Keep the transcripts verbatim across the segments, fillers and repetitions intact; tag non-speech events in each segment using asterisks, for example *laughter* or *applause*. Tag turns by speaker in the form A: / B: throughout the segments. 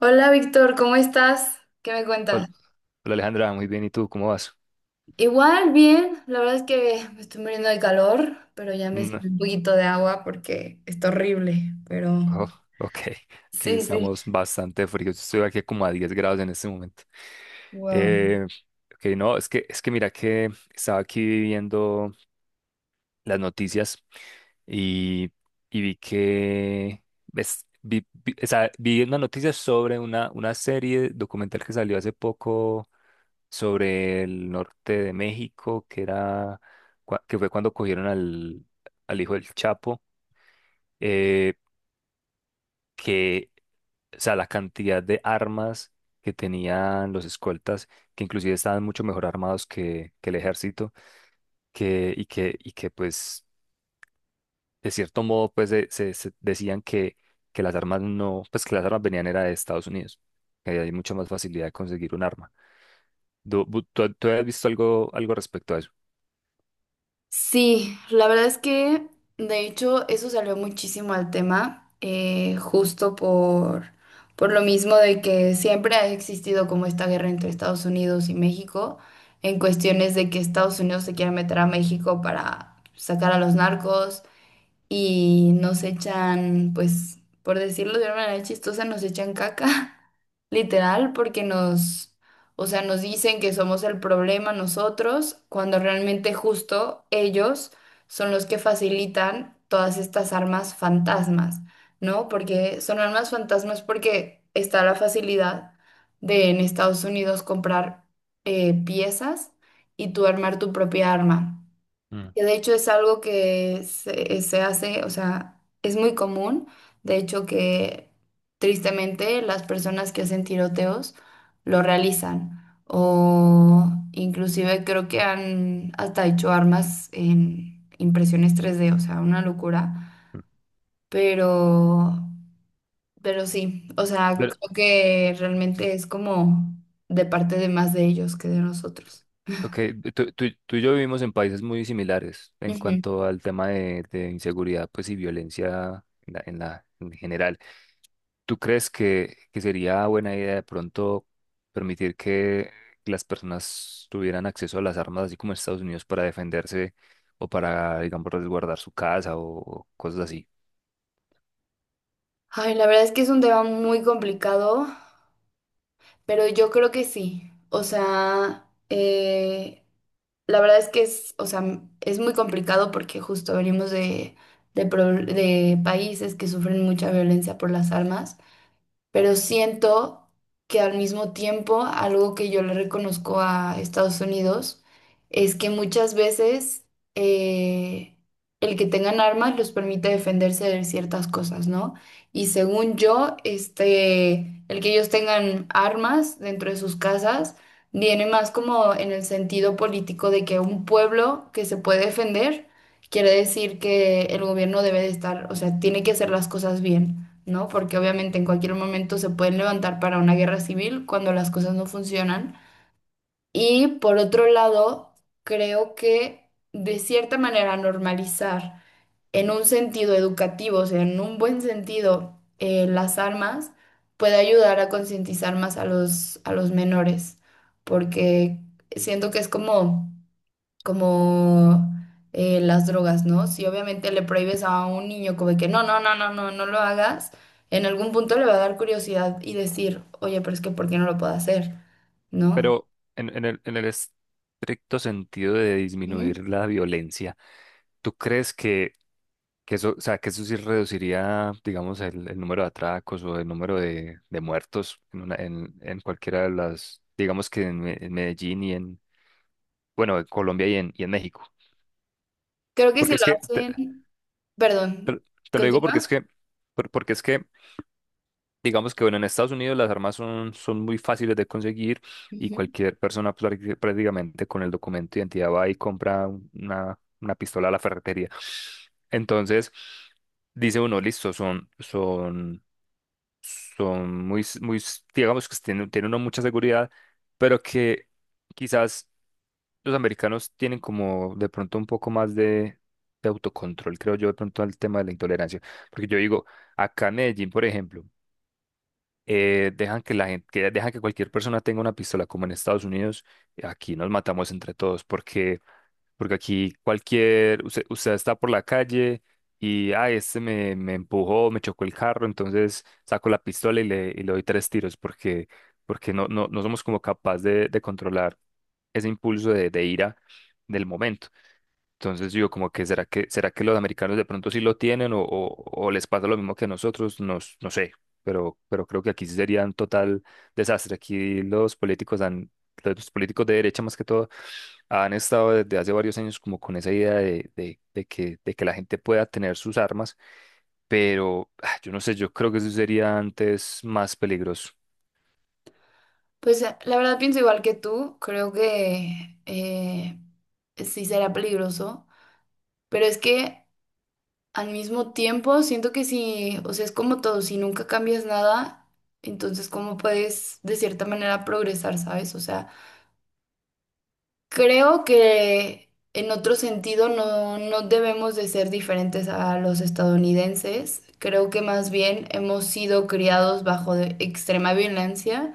A: Hola Víctor, ¿cómo estás? ¿Qué me cuentas?
B: Hol- Hola Alejandra, muy bien. ¿Y tú cómo vas?
A: Igual, bien, la verdad es que me estoy muriendo de calor, pero ya me
B: Mm,
A: sirve un poquito de agua porque está horrible, pero
B: oh, ok, aquí sí
A: sí, sí,
B: estamos bastante fríos. Yo estoy aquí como a diez grados en este momento.
A: wow.
B: Eh, ok, no, es que, es que mira que estaba aquí viendo las noticias y, y, vi que, ves, vi, vi- o sea, vi una noticia sobre una, una serie documental que salió hace poco sobre el norte de México, que era, cua- que fue cuando cogieron al, al hijo del Chapo. Eh, que, o sea, la cantidad de armas que tenían los escoltas, que inclusive estaban mucho mejor armados que, que, el ejército, que, y que, y que pues, de cierto modo, pues, de- se, se decían que, que las armas no, pues que las armas venían era de Estados Unidos, que ahí hay mucha más facilidad de conseguir un arma. ¿Tú, tú- tú has visto algo, algo, respecto a eso?
A: Sí, la verdad es que de hecho eso salió muchísimo al tema, eh, justo por, por lo mismo de que siempre ha existido como esta guerra entre Estados Unidos y México en cuestiones de que Estados Unidos se quiere meter a México para sacar a los narcos y nos echan, pues, por decirlo de una manera chistosa, nos echan caca, *laughs* literal, porque nos, o sea, nos dicen que somos el problema nosotros, cuando realmente justo ellos son los que facilitan todas estas armas fantasmas, ¿no? Porque son armas fantasmas porque está la facilidad de en Estados Unidos comprar eh, piezas y tú armar tu propia arma.
B: Mm.
A: Que de hecho es algo que se, se hace, o sea, es muy común, de hecho que tristemente las personas que hacen tiroteos lo realizan o inclusive creo que han hasta hecho armas en impresiones tres D, o sea, una locura,
B: Mm.
A: pero, pero sí, o sea,
B: Pero.
A: creo que realmente es como de parte de más de ellos que de nosotros.
B: Ok, tú, tú- tú y yo vivimos en países muy similares en
A: Ujú.
B: cuanto al tema de, de, inseguridad pues, y violencia en la, en la- en general. ¿Tú crees que, que sería buena idea de pronto permitir que las personas tuvieran acceso a las armas, así como en Estados Unidos, para defenderse o para, digamos, resguardar su casa o cosas así?
A: Ay, la verdad es que es un tema muy complicado. Pero yo creo que sí. O sea, eh, la verdad es que es, o sea, m- es muy complicado porque justo venimos de, de, pro- de países que sufren mucha violencia por las armas pero siento que al mismo tiempo algo que yo le reconozco a Estados Unidos es que muchas veces eh, el que tengan armas los permite defenderse de ciertas cosas, ¿no? Y según yo, este, el que ellos tengan armas dentro de sus casas viene más como en el sentido político de que un pueblo que se puede defender quiere decir que el gobierno debe de estar, o sea, tiene que hacer las cosas bien. ¿No? Porque obviamente en cualquier momento se pueden levantar para una guerra civil cuando las cosas no funcionan. Y por otro lado, creo que de cierta manera normalizar en un sentido educativo, o sea, en un buen sentido, eh, las armas puede ayudar a concientizar más a los, a los menores, porque siento que es como como eh, las drogas, ¿no? Si obviamente le prohíbes a un niño como de que no, no, no, no, no, no lo hagas, en algún punto le va a dar curiosidad y decir, oye, pero es que ¿por qué no lo puedo hacer? ¿No?
B: Pero en, en el, en el estricto sentido de
A: Ujú.
B: disminuir la violencia, ¿tú crees que eso, o sea, que eso sí reduciría, digamos, el, el número de atracos o el número de, de, muertos en, una, en, en cualquiera de las, digamos que en, Me- en Medellín y en, bueno, en Colombia y en, y en, México.
A: Creo que si
B: Porque es
A: lo
B: que, te,
A: hacen, perdón,
B: te- te lo digo porque es
A: continúa.
B: que, por- porque es que, digamos que, bueno, en Estados Unidos las armas son, son, muy fáciles de conseguir y
A: Ujú.
B: cualquier persona prácti- prácticamente con el documento de identidad va y compra una, una pistola a la ferretería. Entonces, dice uno, listo, son, son son muy, s- muy, s- digamos que tienen, tienen, una mucha seguridad, pero que quizás los americanos tienen como de pronto un poco más de, de autocontrol, creo yo, de pronto al tema de la intolerancia. Porque yo digo, acá en Medellín, por ejemplo, eh, dejan que la gente, que dejan que cualquier persona tenga una pistola, como en Estados Unidos, aquí nos matamos entre todos, porque porque aquí cualquier, usted, usted está por la calle y, ah, este me, me, empujó, me chocó el carro, entonces saco la pistola y le, y le doy tres tiros porque, porque no, no, no somos como capaz de, de controlar ese impulso de, de ira del momento. Entonces yo como que será que será que los americanos de pronto sí lo tienen o, o, o, les pasa lo mismo que a nosotros, no, s- no sé, pero, pero, creo que aquí sí sería un total desastre. Aquí los políticos han, los políticos de derecha más que todo han estado desde hace varios años como con esa idea de, de, de que, de que la gente pueda tener sus armas, pero ah, yo no sé, yo creo que eso sería antes más peligroso.
A: Pues eh, la verdad pienso igual que tú, creo que eh, sí será peligroso, pero es que. Al mismo tiempo, siento que si, o sea, es como todo, si nunca cambias nada, entonces cómo puedes de cierta manera progresar, ¿sabes? O sea, creo que en otro sentido no, no debemos de ser diferentes a los estadounidenses. Creo que más bien hemos sido criados bajo de extrema violencia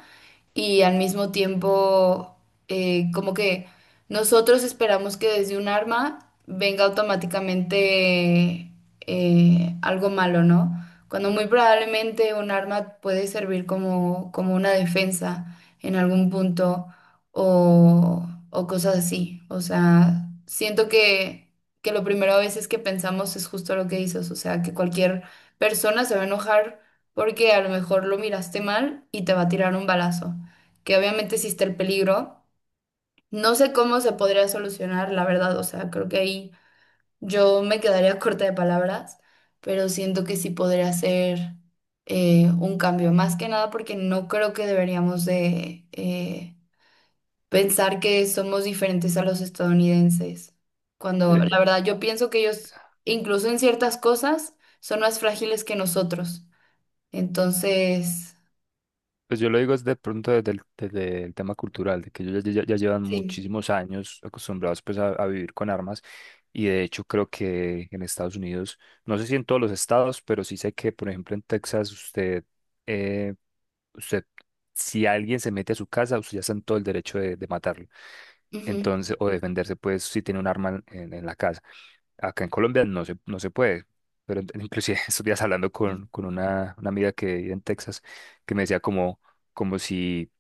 A: y al mismo tiempo eh, como que nosotros esperamos que desde un arma venga automáticamente eh, algo malo, ¿no? Cuando muy probablemente un arma puede servir como, como una defensa en algún punto o, o cosas así. O sea, siento que, que lo primero a veces que pensamos es justo lo que dices, o sea, que cualquier persona se va a enojar porque a lo mejor lo miraste mal y te va a tirar un balazo que obviamente existe el peligro. No sé cómo se podría solucionar, la verdad, o sea, creo que ahí yo me quedaría *laughs* corta de palabras, pero siento que sí podría ser eh, un cambio, más que nada porque no creo que deberíamos de eh, pensar que somos diferentes a los estadounidenses, cuando la verdad yo pienso que ellos, incluso en ciertas cosas, son más frágiles que nosotros. Entonces,
B: Pues yo lo digo es de pronto desde el, desde el, tema cultural, de que ellos ya, ya- ya llevan
A: sí.
B: muchísimos años acostumbrados pues a, a vivir con armas, y de hecho creo que en Estados Unidos, no sé si en todos los estados, pero sí sé que por ejemplo en Texas usted, eh, usted si alguien se mete a su casa, usted ya está en todo el derecho de, de, matarlo. Entonces, o defenderse pues si tiene un arma en, en, la casa. Acá en Colombia no se, no se puede. Pero en- inclusive *laughs* estos días hablando con, con, una, una amiga que vive en Texas, que me decía como como si,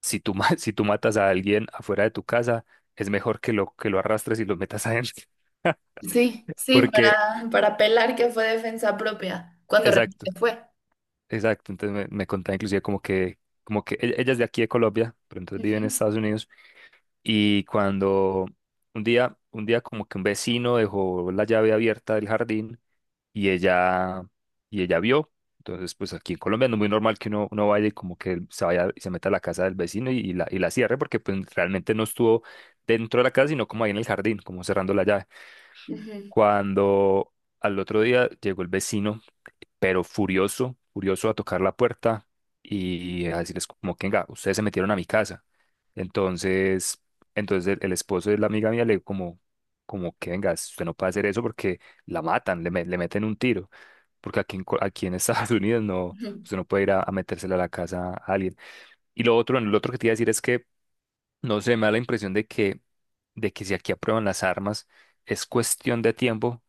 B: si tú, ma- *laughs* si tú matas a alguien afuera de tu casa, es mejor que lo, que lo, arrastres y lo metas adentro.
A: Sí,
B: *laughs*
A: sí,
B: Porque,
A: para, para apelar que fue defensa propia, cuando
B: exacto,
A: realmente fue.
B: exacto. Entonces me, me, contaba inclusive como que, como que e- ella es de aquí de Colombia, pero entonces vive en
A: Ujú,
B: Estados Unidos. Y cuando un día, un día, como que un vecino dejó la llave abierta del jardín y ella, y ella vio. Entonces, pues aquí en Colombia no es muy normal que uno, uno vaya y como que se vaya y se meta a la casa del vecino y, y la, y la cierre, porque pues realmente no estuvo dentro de la casa, sino como ahí en el jardín, como cerrando la llave.
A: ujú,
B: Cuando al otro día llegó el vecino pero furioso, furioso a tocar la puerta y a decirles como que, venga, ustedes se metieron a mi casa. Entonces, entonces el, el esposo de la amiga mía le como, como que, venga, usted no puede hacer eso porque la matan, le, me- le meten un tiro, porque aquí en, Co- aquí en Estados *laughs* Unidos no,
A: ujú.
B: usted no puede ir a, a, metérsela a la casa a alguien. Y lo otro, lo otro que te iba a decir es que, no sé, me da la impresión de que, de que, si aquí aprueban las armas, es cuestión de tiempo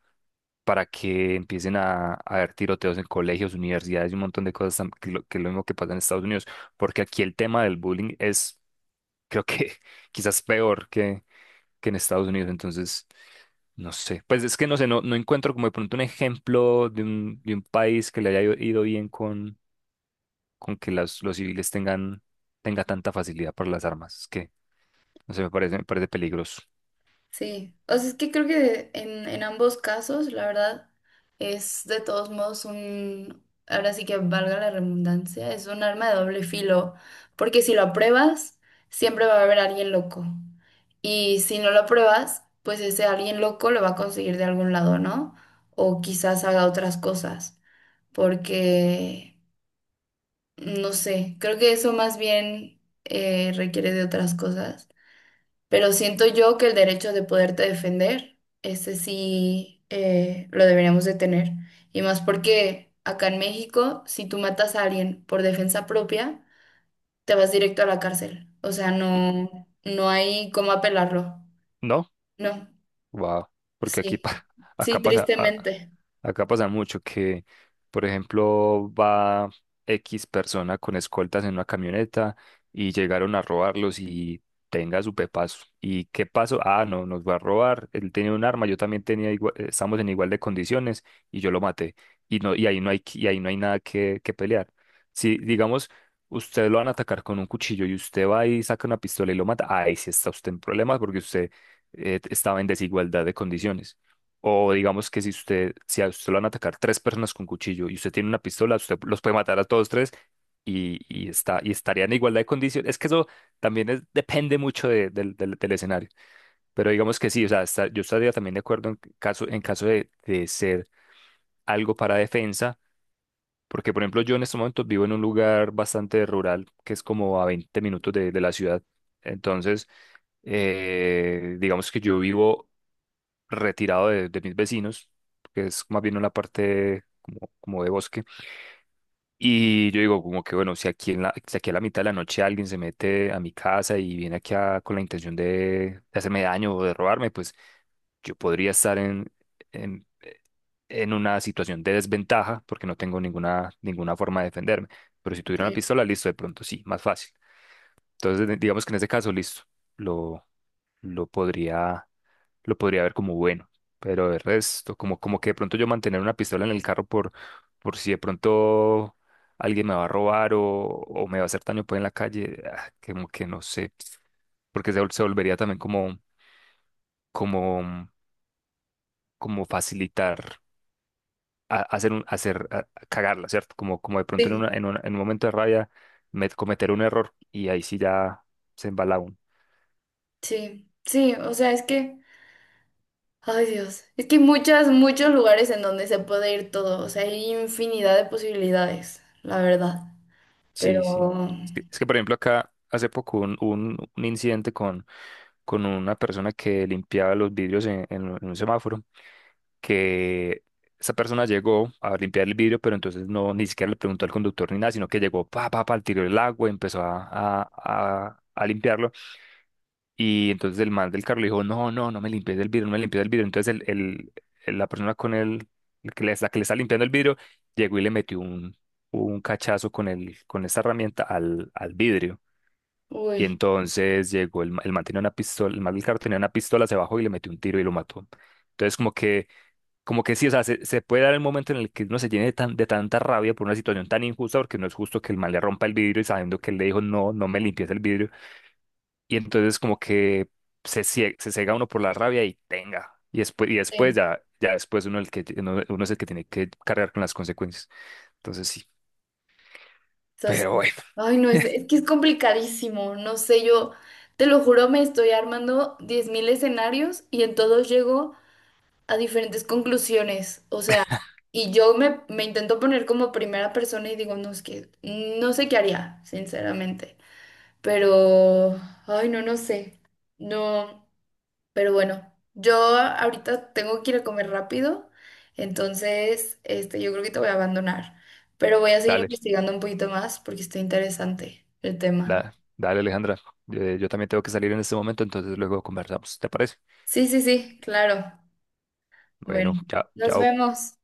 B: para que empiecen a, a haber tiroteos en colegios, universidades y un montón de cosas tam- que, lo, que es lo mismo que pasa en Estados Unidos, porque aquí el tema del bullying es, creo que *laughs* quizás peor que, que, en Estados Unidos, entonces, no sé, pues es que no sé, no, no encuentro como de pronto un ejemplo de un, de un país que le haya ido ido bien con, con que las, los civiles tengan, tenga tanta facilidad para las armas, es que, no sé, me parece, me parece peligroso.
A: Sí, o sea, es que creo que en, en ambos casos, la verdad, es de todos modos un, ahora sí que valga la redundancia, es un arma de doble filo, porque si lo apruebas, siempre va a haber alguien loco. Y si no lo apruebas, pues ese alguien loco lo va a conseguir de algún lado, ¿no? O quizás haga otras cosas, porque. No sé, creo que eso más bien eh, requiere de otras cosas, pero siento yo que el derecho de poderte defender, ese sí eh, lo deberíamos de tener. Y más porque acá en México, si tú matas a alguien por defensa propia, te vas directo a la cárcel. O sea, no, no hay cómo apelarlo.
B: ¿No?
A: No,
B: Wow, porque aquí
A: sí,
B: pa- *laughs* acá
A: sí,
B: pasa a-
A: tristemente.
B: acá pasa mucho que, por ejemplo, va X persona con escoltas en una camioneta y llegaron a robarlos y tenga su pepazo. ¿Y qué pasó? Ah, no, nos va a robar. Él tenía un arma, yo también tenía igua- eh, estamos en igual de condiciones y yo lo maté. Y no, y ahí no hay qui- y ahí no hay nada que, que pelear. Si digamos usted lo van a atacar con un cuchillo y usted va y saca una pistola y lo mata. Ahí sí está usted en problemas porque usted eh, estaba en desigualdad de condiciones. O digamos que si usted, si a usted lo van a atacar tres personas con cuchillo y usted tiene una pistola, usted los puede matar a todos tres y, y está, y estaría en igualdad de condiciones. Es que eso también es- depende mucho de- del, del- del escenario. Pero digamos que sí, o sea, está- yo estaría también de acuerdo en caso, en caso, de, de ser algo para defensa. Porque, por ejemplo, yo en estos momentos vivo en un lugar bastante rural, que es como a veinte minutos de de la ciudad. Entonces, eh, digamos que yo vivo retirado de, de mis vecinos, que es más bien una parte como, como de bosque. Y yo digo, como que bueno, si aquí, en la, si aquí a la mitad de la noche alguien se mete a mi casa y viene aquí a- con la intención de, de, hacerme daño o de robarme, pues yo podría estar en, en, en, una situación de desventaja porque no tengo ninguna, ninguna forma de defenderme. Pero si tuviera una
A: Sí,
B: pistola, listo, de pronto sí, más fácil. Entonces, de- digamos que en ese caso, listo, lo, lo podría lo podría ver como bueno, pero de resto, como, como que de pronto yo mantener una pistola en el carro por, por si de pronto alguien me va a robar o, o me va a hacer daño pues en la calle, ah, como que no sé, porque se, vol- se volvería también como, como, mm, como facilitar a- hacer un, hacer, a- a cagarla, ¿cierto? Como, como de pronto en una,
A: sí,
B: en una- en un momento de rabia me- cometer un error y ahí sí ya se embala uno.
A: sí, sí, o sea, es que. Ay, Dios. Es que hay muchas, muchos lugares en donde se puede ir todo. O sea, hay infinidad de posibilidades, la verdad.
B: Sí, sí.
A: Pero,
B: Es que, es que, por ejemplo acá hace poco un, un un incidente con una persona que limpiaba los vidrios en, en un en un semáforo, que esa persona llegó a limpiar el vidrio, pero entonces no, ni siquiera le preguntó al conductor ni nada, sino que llegó, pa, pa, pa, tiró el agua, empezó a, a, a, a limpiarlo, y entonces el man del carro le dijo, no, no, no me limpies el vidrio, no me limpies el vidrio, entonces el, el- el- la persona con el, el que le, la que le está limpiando el vidrio, llegó y le metió un, un, cachazo con el, con esta herramienta al, al vidrio. Y
A: uy,
B: entonces llegó el, ma- el man tenía una pistola, el man del carro tenía una pistola, se bajó y le metió un tiro y lo mató. Entonces como que, como que, sí, o sea, se, se puede dar el momento en el que uno se llene de, tan- de tanta rabia por una situación tan injusta, porque no es justo que el man le rompa el vidrio y sabiendo que él le dijo, no, no me limpies el vidrio. Y entonces como que se, cie- se ciega uno por la rabia y tenga. Y después, y después
A: sí.
B: ya, ya, después uno, el que, uno, uno es el que tiene que cargar con las consecuencias. Entonces sí,
A: Eso sí.
B: pero bueno,
A: Ay, no, es, es que es complicadísimo. No sé, yo te lo juro, me estoy armando diez mil escenarios y en todos llego a diferentes conclusiones. O sea, y yo me, me intento poner como primera persona y digo, no, es que no sé qué haría, sinceramente. Pero, ay, no, no sé. No. Pero bueno, yo ahorita tengo que ir a comer rápido, entonces este, yo creo que te voy a abandonar, pero voy a seguir
B: dale.
A: investigando un poquito más porque está interesante el tema.
B: Nada, dale Alejandra. Eh, yo también tengo que salir en este momento, entonces luego conversamos. ¿Te parece?
A: Sí, sí, sí, claro.
B: Bueno,
A: Bueno,
B: chao,
A: nos
B: chao.
A: vemos.